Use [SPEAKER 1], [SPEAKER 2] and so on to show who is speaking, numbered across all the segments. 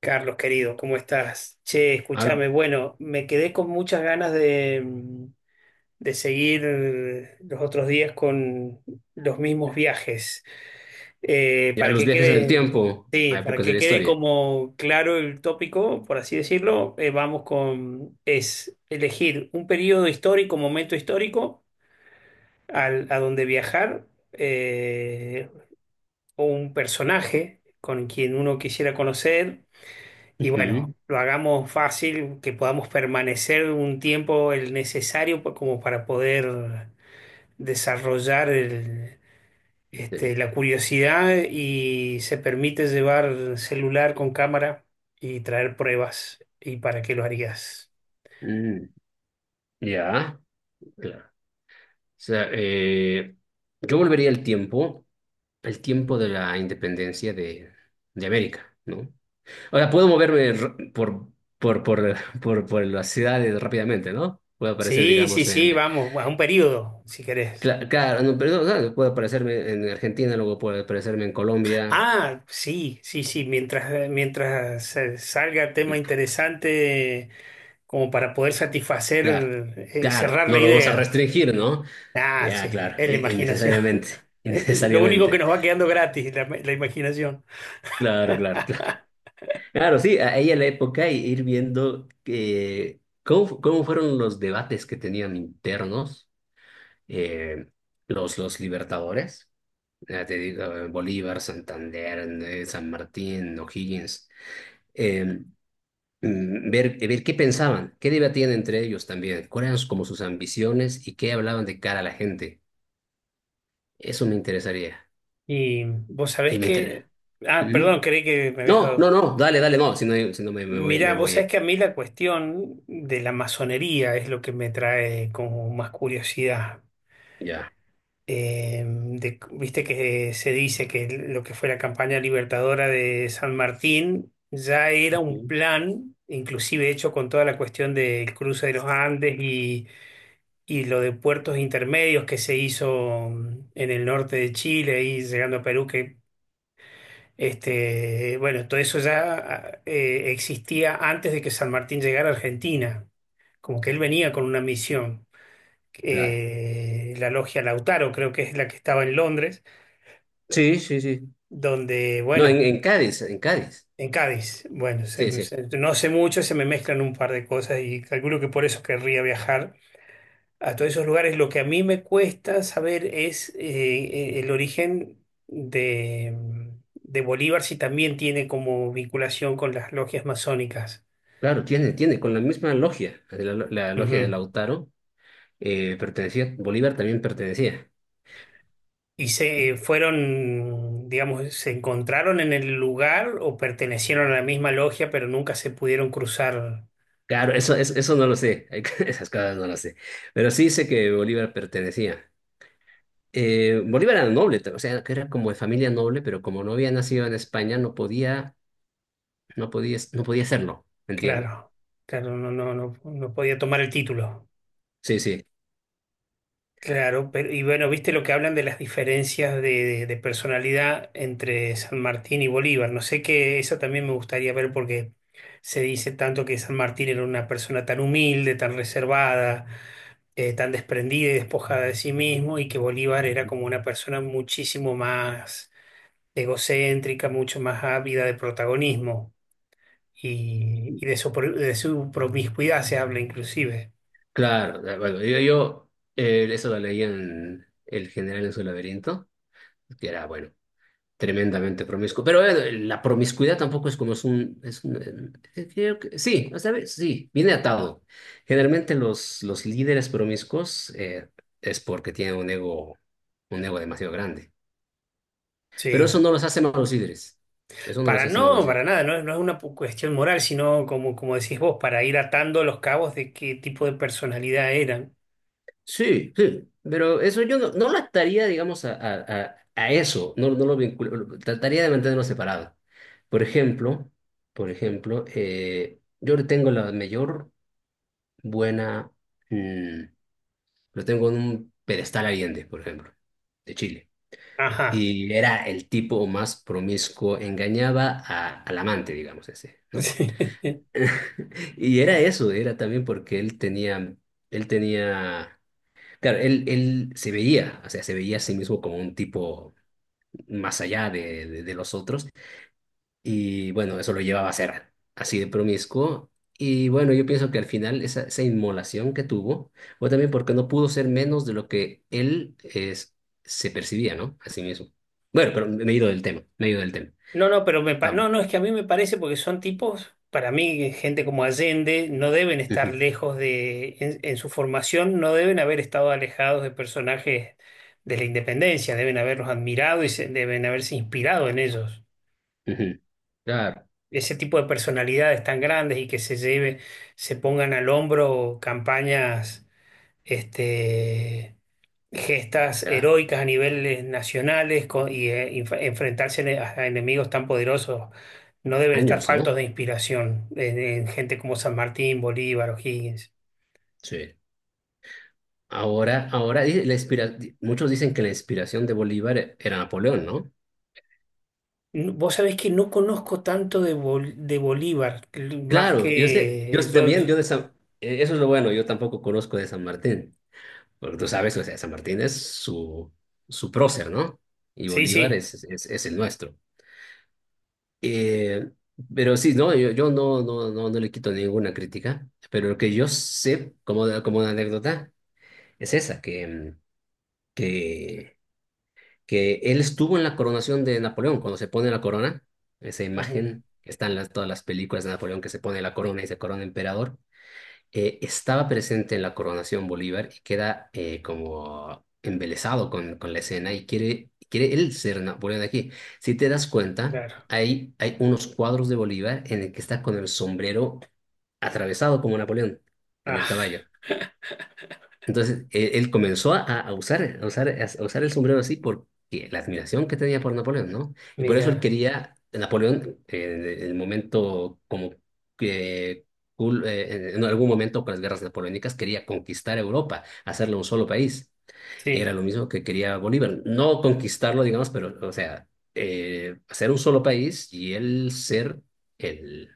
[SPEAKER 1] Carlos, querido, ¿cómo estás? Che,
[SPEAKER 2] A, lo-
[SPEAKER 1] escúchame, bueno, me quedé con muchas ganas de seguir los otros días con los mismos viajes.
[SPEAKER 2] y a
[SPEAKER 1] Para
[SPEAKER 2] los
[SPEAKER 1] que
[SPEAKER 2] viajes en el
[SPEAKER 1] quede,
[SPEAKER 2] tiempo,
[SPEAKER 1] sí,
[SPEAKER 2] a
[SPEAKER 1] para
[SPEAKER 2] épocas de
[SPEAKER 1] que
[SPEAKER 2] la
[SPEAKER 1] quede
[SPEAKER 2] historia.
[SPEAKER 1] como claro el tópico, por así decirlo, vamos con, es elegir un periodo histórico, momento histórico, a donde viajar, eh, o un personaje con quien uno quisiera conocer. Y bueno,
[SPEAKER 2] Ujú.
[SPEAKER 1] lo hagamos fácil, que podamos permanecer un tiempo el necesario como para poder desarrollar
[SPEAKER 2] Sí, güey.
[SPEAKER 1] este, la curiosidad, y se permite llevar celular con cámara y traer pruebas. ¿Y para qué lo harías?
[SPEAKER 2] Mm. Ya, claro. O sea, yo volvería al tiempo de la independencia de América, ¿no? O sea, puedo moverme r- por, por, por las ciudades rápidamente, ¿no? Puedo aparecer,
[SPEAKER 1] Sí, sí,
[SPEAKER 2] digamos,
[SPEAKER 1] sí,
[SPEAKER 2] en...
[SPEAKER 1] vamos, a un periodo, si querés.
[SPEAKER 2] Claro, no, perdón, claro, puedo aparecerme en Argentina, luego puedo aparecerme en Colombia.
[SPEAKER 1] Ah, sí, sí, sí, mientras, mientras salga tema interesante, como para poder satisfacer
[SPEAKER 2] Claro,
[SPEAKER 1] y
[SPEAKER 2] claro,
[SPEAKER 1] cerrar la
[SPEAKER 2] no lo vamos a
[SPEAKER 1] idea.
[SPEAKER 2] restringir, ¿no?
[SPEAKER 1] Ah, sí,
[SPEAKER 2] Ya, claro,
[SPEAKER 1] es la imaginación.
[SPEAKER 2] innecesariamente,
[SPEAKER 1] Lo único que
[SPEAKER 2] innecesariamente.
[SPEAKER 1] nos va quedando gratis, la imaginación.
[SPEAKER 2] Claro. Claro, sí, a ella la época y ir viendo que, cómo, cómo fueron los debates que tenían internos, eh, los libertadores, ya te digo, Bolívar, Santander, San Martín, O'Higgins, eh, ver, ver qué pensaban, qué debatían entre ellos también, cuáles eran como sus ambiciones y qué hablaban de cara a la gente. Eso me interesaría.
[SPEAKER 1] Y vos sabés
[SPEAKER 2] Y me interesa.
[SPEAKER 1] que... Ah,
[SPEAKER 2] Ujú.
[SPEAKER 1] perdón, creí que me habías
[SPEAKER 2] No, no,
[SPEAKER 1] dado.
[SPEAKER 2] no, dale, dale, no. Si no, si no me, me voy,
[SPEAKER 1] Mirá,
[SPEAKER 2] me
[SPEAKER 1] vos
[SPEAKER 2] voy.
[SPEAKER 1] sabés
[SPEAKER 2] eh,
[SPEAKER 1] que a mí la cuestión de la masonería es lo que me trae como más curiosidad.
[SPEAKER 2] Ya.
[SPEAKER 1] Viste que se dice que lo que fue la campaña libertadora de San Martín ya era un
[SPEAKER 2] Ujú.
[SPEAKER 1] plan, inclusive hecho con toda la cuestión del cruce de los Andes. Y lo de puertos intermedios que se hizo, en el norte de Chile y llegando a Perú, que este, bueno, todo eso ya existía antes de que San Martín llegara a Argentina, como que él venía con una misión.
[SPEAKER 2] Claro.
[SPEAKER 1] La logia Lautaro, creo que es la que estaba en Londres,
[SPEAKER 2] Sí.
[SPEAKER 1] donde,
[SPEAKER 2] No, en,
[SPEAKER 1] bueno,
[SPEAKER 2] en Cádiz, en Cádiz.
[SPEAKER 1] en Cádiz, bueno,
[SPEAKER 2] Sí, sí.
[SPEAKER 1] no sé mucho, se me mezclan un par de cosas y calculo que por eso querría viajar a todos esos lugares. Lo que a mí me cuesta saber es el origen de, mm, de Bolívar, si también tiene como vinculación con las logias masónicas.
[SPEAKER 2] Claro, tiene, tiene, con la misma logia. La logia de
[SPEAKER 1] Ujú.
[SPEAKER 2] Lautaro pertenecía, Bolívar también pertenecía.
[SPEAKER 1] Y se fueron, digamos, se encontraron en el lugar o pertenecieron a la misma logia, pero nunca se pudieron cruzar.
[SPEAKER 2] Claro, eso no lo sé. Esas cosas no las sé. Pero sí sé que Bolívar pertenecía. Bolívar era noble, o sea, que era como de familia noble, pero como no había nacido en España, no podía. No podía hacerlo, ¿me entiendes?
[SPEAKER 1] Claro, claro, no, no, no, no podía tomar el título.
[SPEAKER 2] Sí, sí,
[SPEAKER 1] Claro, pero y bueno, viste lo que hablan de las diferencias de personalidad entre San Martín y Bolívar. No sé qué, eso también me gustaría ver porque se dice tanto que San Martín era una persona tan humilde, tan reservada, tan desprendida y despojada de sí mismo, y que Bolívar era como una persona muchísimo más egocéntrica, mucho más ávida de protagonismo y de su, de su promiscuidad se habla inclusive.
[SPEAKER 2] claro. Bueno, yo eso lo leí en El General en su laberinto, que era, bueno, tremendamente promiscuo. Pero la promiscuidad tampoco es como es un... Es un, creo que, sí, o sea, sí, viene atado. Generalmente los líderes promiscuos es porque tienen un ego demasiado grande. Pero eso
[SPEAKER 1] Sí.
[SPEAKER 2] no los hace malos líderes. Eso no los
[SPEAKER 1] Para
[SPEAKER 2] hace
[SPEAKER 1] no,
[SPEAKER 2] malos.
[SPEAKER 1] para nada, no, no es una cuestión moral, sino como, como decís vos, para ir atando los cabos de qué tipo de personalidad eran.
[SPEAKER 2] Sí, sí, pero eso yo no, no lo ataría, digamos, a eso, no, no lo vinculo, trataría de mantenerlo separado. Por ejemplo, por ejemplo, yo le tengo la mayor buena, mm, lo tengo en un pedestal Allende, por ejemplo, de Chile,
[SPEAKER 1] Ajá.
[SPEAKER 2] y era el tipo más promiscuo, engañaba al amante, digamos, ese, ¿no?
[SPEAKER 1] Sí.
[SPEAKER 2] Y era eso, era también porque él tenía, él tenía. Claro, él se veía, o sea, se veía a sí mismo como un tipo más allá de los otros y bueno, eso lo llevaba a ser así de promiscuo y bueno, yo pienso que al final esa, esa inmolación que tuvo fue también porque no pudo ser menos de lo que él es, se percibía, ¿no? A sí mismo. Bueno, pero me he ido del tema, me he ido del tema.
[SPEAKER 1] No, no, pero me,
[SPEAKER 2] Vamos.
[SPEAKER 1] no, no, es que a mí me parece porque son tipos, para mí, gente como Allende, no deben estar
[SPEAKER 2] Ujú,
[SPEAKER 1] lejos de, en su formación, no deben haber estado alejados de personajes de la independencia, deben haberlos admirado y deben haberse inspirado en ellos.
[SPEAKER 2] ujú. Claro,
[SPEAKER 1] Ese tipo de personalidades tan grandes y que se lleve, se pongan al hombro campañas este, gestas
[SPEAKER 2] claro.
[SPEAKER 1] heroicas a niveles nacionales enfrentarse a enemigos tan poderosos no deben estar
[SPEAKER 2] Años,
[SPEAKER 1] faltos
[SPEAKER 2] ¿no?
[SPEAKER 1] de inspiración en gente como San Martín, Bolívar, O'Higgins.
[SPEAKER 2] Sí. Ahora, ahora, dice, muchos dicen que la inspiración de Bolívar era Napoleón, ¿no?
[SPEAKER 1] Vos sabés que no conozco tanto de, de Bolívar, más
[SPEAKER 2] Claro, yo sé, yo
[SPEAKER 1] que yo.
[SPEAKER 2] también, eso es lo bueno, yo tampoco conozco de San Martín, porque tú sabes, o sea, San Martín es su, su prócer, ¿no? Y
[SPEAKER 1] Sí,
[SPEAKER 2] Bolívar
[SPEAKER 1] sí.
[SPEAKER 2] es el nuestro. Eh, pero sí, no, no le quito ninguna crítica, pero lo que yo sé como, como una anécdota es esa, que, que él estuvo en la coronación de Napoleón, cuando se pone la corona, esa
[SPEAKER 1] Ajá,
[SPEAKER 2] imagen que está en todas las películas de Napoleón que se pone la corona y se corona emperador. Estaba presente en la coronación Bolívar y queda como embelesado con la escena y quiere, quiere él ser Napoleón de aquí. Si te das cuenta,
[SPEAKER 1] claro.
[SPEAKER 2] hay unos cuadros de Bolívar en el que está con el sombrero atravesado como Napoleón en
[SPEAKER 1] Ah,
[SPEAKER 2] el caballo. Entonces, él comenzó a usar el sombrero así porque la admiración que tenía por Napoleón, ¿no? Y por eso él
[SPEAKER 1] mira,
[SPEAKER 2] quería, Napoleón, en el momento como que en algún momento con las guerras napoleónicas, quería conquistar Europa, hacerlo un solo país. Era
[SPEAKER 1] sí,
[SPEAKER 2] lo mismo que quería Bolívar, no conquistarlo, digamos, pero, o sea, hacer un solo país y él ser el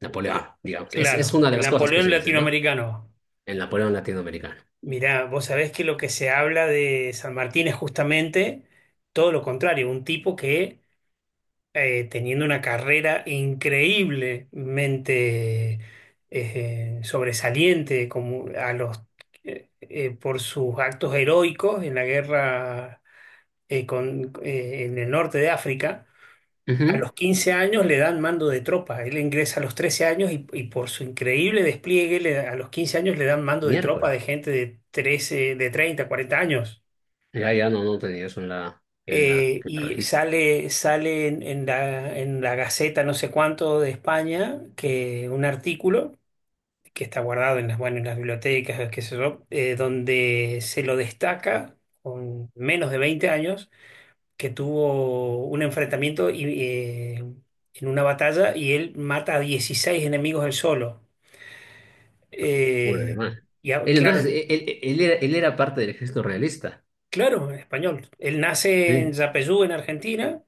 [SPEAKER 2] Napoleón, digamos. Es
[SPEAKER 1] claro,
[SPEAKER 2] una de
[SPEAKER 1] el
[SPEAKER 2] las cosas que
[SPEAKER 1] Napoleón
[SPEAKER 2] se dice, ¿no?
[SPEAKER 1] latinoamericano.
[SPEAKER 2] El Napoleón latinoamericano.
[SPEAKER 1] Mirá, vos sabés que lo que se habla de San Martín es justamente todo lo contrario, un tipo que teniendo una carrera increíblemente sobresaliente como a los, por sus actos heroicos en la guerra, en el norte de África. A
[SPEAKER 2] Ujú.
[SPEAKER 1] los 15 años le dan mando de tropa. Él ingresa a los 13 años y por su increíble despliegue a los 15 años le dan mando de tropa de
[SPEAKER 2] Miércoles.
[SPEAKER 1] gente de 13, de 30, 40 años.
[SPEAKER 2] Ya, ya no, no tenía eso en en la
[SPEAKER 1] Y
[SPEAKER 2] registro.
[SPEAKER 1] sale, sale en la Gaceta no sé cuánto de España, que un artículo que está guardado en las, bueno, en las bibliotecas, qué sé yo, donde se lo destaca con menos de 20 años, que tuvo un enfrentamiento y, en una batalla y él mata a 16 enemigos él solo.
[SPEAKER 2] Puro
[SPEAKER 1] Eh,
[SPEAKER 2] animal. Él
[SPEAKER 1] claro,
[SPEAKER 2] entonces, él era parte del ejército realista.
[SPEAKER 1] claro, en español. Él nace en
[SPEAKER 2] Sí.
[SPEAKER 1] Yapeyú, en Argentina,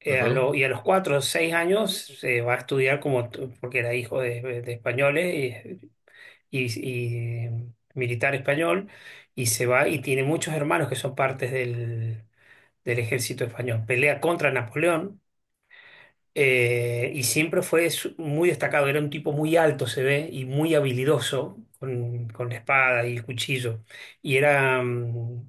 [SPEAKER 2] Ajá.
[SPEAKER 1] y a los 4 o 6 años se va a estudiar como, porque era hijo de españoles y, y militar español, y se va y tiene muchos hermanos que son partes del del ejército español. Pelea contra Napoleón. Y siempre muy destacado, era un tipo muy alto, se ve, y muy habilidoso con la espada y el cuchillo. Y era, mm,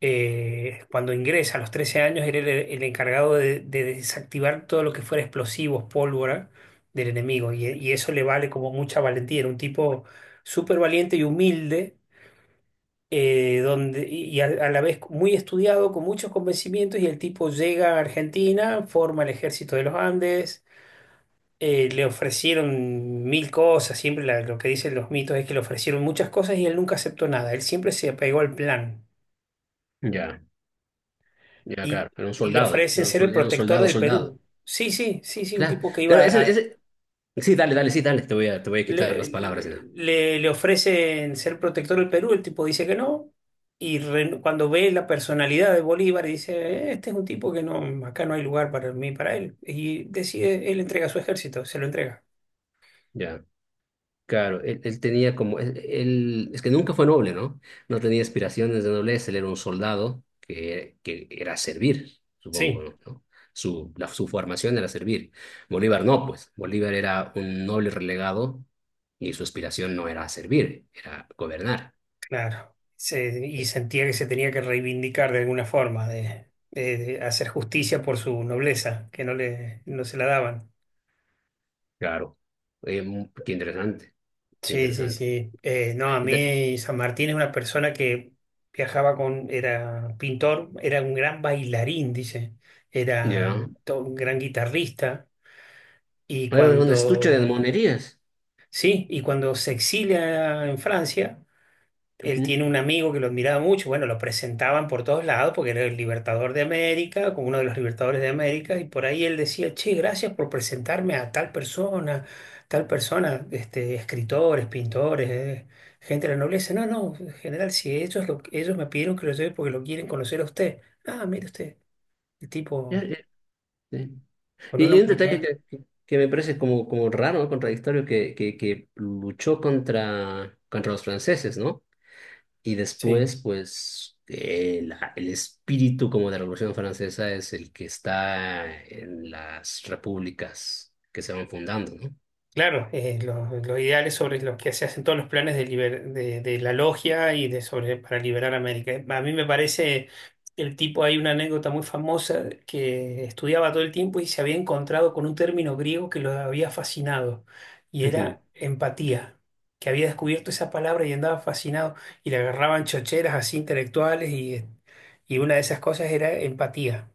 [SPEAKER 1] eh, cuando ingresa a los 13 años, era el encargado de desactivar todo lo que fuera explosivos, pólvora del enemigo. Y eso le vale como mucha valentía. Era un tipo súper valiente y humilde, donde, y a la vez muy estudiado, con muchos convencimientos. Y el tipo llega a Argentina, forma el ejército de los Andes. Le ofrecieron mil cosas, siempre lo que dicen los mitos es que le ofrecieron muchas cosas y él nunca aceptó nada, él siempre se apegó al plan
[SPEAKER 2] Ya, ya,
[SPEAKER 1] y,
[SPEAKER 2] claro. Era un
[SPEAKER 1] y le
[SPEAKER 2] soldado.
[SPEAKER 1] ofrecen
[SPEAKER 2] Era un,
[SPEAKER 1] ser el
[SPEAKER 2] era un
[SPEAKER 1] protector
[SPEAKER 2] soldado,
[SPEAKER 1] del
[SPEAKER 2] soldado.
[SPEAKER 1] Perú. Sí, sí, sí, sí, un
[SPEAKER 2] Claro,
[SPEAKER 1] tipo que
[SPEAKER 2] claro,
[SPEAKER 1] iba
[SPEAKER 2] ese,
[SPEAKER 1] a...
[SPEAKER 2] ese... Sí, dale, dale, sí, dale. Te voy a quitar las palabras. ¿No?
[SPEAKER 1] Le ofrecen ser protector del Perú, el tipo dice que no, cuando ve la personalidad de Bolívar dice, este es un tipo que no, acá no hay lugar para mí, para él", y decide, él entrega su ejército, se lo entrega.
[SPEAKER 2] Ya. Claro, él tenía como, él, es que nunca fue noble, ¿no? No tenía aspiraciones de nobleza, él era un soldado que era servir, supongo,
[SPEAKER 1] Sí.
[SPEAKER 2] ¿no? ¿No? Su, su formación era servir. Bolívar no, pues, Bolívar era un noble relegado y su aspiración no era servir, era gobernar.
[SPEAKER 1] Claro. Y
[SPEAKER 2] Eh,
[SPEAKER 1] sentía que se tenía que reivindicar de alguna forma, de hacer justicia por su nobleza, que no le, no se la daban.
[SPEAKER 2] Claro. Qué interesante, qué
[SPEAKER 1] Sí, sí,
[SPEAKER 2] interesante.
[SPEAKER 1] sí. No, a
[SPEAKER 2] Y
[SPEAKER 1] mí San Martín es una persona que viajaba con, era pintor, era un gran bailarín, dice, era
[SPEAKER 2] ya.
[SPEAKER 1] un gran guitarrista. Y
[SPEAKER 2] Hay un estuche de
[SPEAKER 1] cuando,
[SPEAKER 2] monerías.
[SPEAKER 1] sí, y cuando se exilia en Francia, él
[SPEAKER 2] Ujú.
[SPEAKER 1] tiene un amigo que lo admiraba mucho, bueno, lo presentaban por todos lados porque era el libertador de América, como uno de los libertadores de América, y por ahí él decía, che, gracias por presentarme a tal persona, este, escritores, pintores, gente de la nobleza. No, no, en general, si ellos, ellos me pidieron que lo lleve porque lo quieren conocer a usted. Ah, mire usted, el
[SPEAKER 2] Ya,
[SPEAKER 1] tipo
[SPEAKER 2] ya, sí.
[SPEAKER 1] con
[SPEAKER 2] Y
[SPEAKER 1] una
[SPEAKER 2] hay un detalle
[SPEAKER 1] humildad.
[SPEAKER 2] que, que me parece como, como raro, ¿no? Contradictorio, que luchó contra, contra los franceses, ¿no? Y
[SPEAKER 1] Sí.
[SPEAKER 2] después, pues, el espíritu como de la Revolución Francesa es el que está en las repúblicas que se van fundando, ¿no?
[SPEAKER 1] Claro, lo ideal es sobre los que se hacen todos los planes de, de la logia y de sobre para liberar América. A mí me parece el tipo, hay una anécdota muy famosa que estudiaba todo el tiempo y se había encontrado con un término griego que lo había fascinado y
[SPEAKER 2] Ujú.
[SPEAKER 1] era empatía, que había descubierto esa palabra y andaba fascinado y le agarraban chocheras así intelectuales y una de esas cosas era empatía.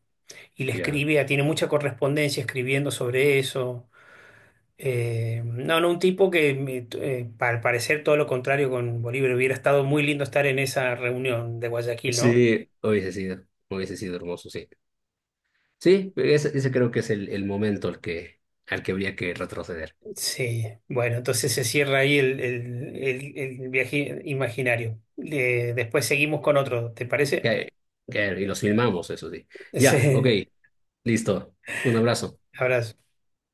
[SPEAKER 1] Y le
[SPEAKER 2] Ya.
[SPEAKER 1] escribía, tiene mucha correspondencia escribiendo sobre eso. No, un tipo que al parecer todo lo contrario con Bolívar. Hubiera estado muy lindo estar en esa reunión de Guayaquil, ¿no?
[SPEAKER 2] Sí, hubiese sido hermoso, sí. Sí, ese creo que es el momento al que habría que retroceder.
[SPEAKER 1] Sí, bueno, entonces se cierra ahí el viaje imaginario. Después seguimos con otro, ¿te parece?
[SPEAKER 2] Que- y los filmamos, eso sí. Ya, ok.
[SPEAKER 1] Sí,
[SPEAKER 2] Listo. Un abrazo.
[SPEAKER 1] abrazo.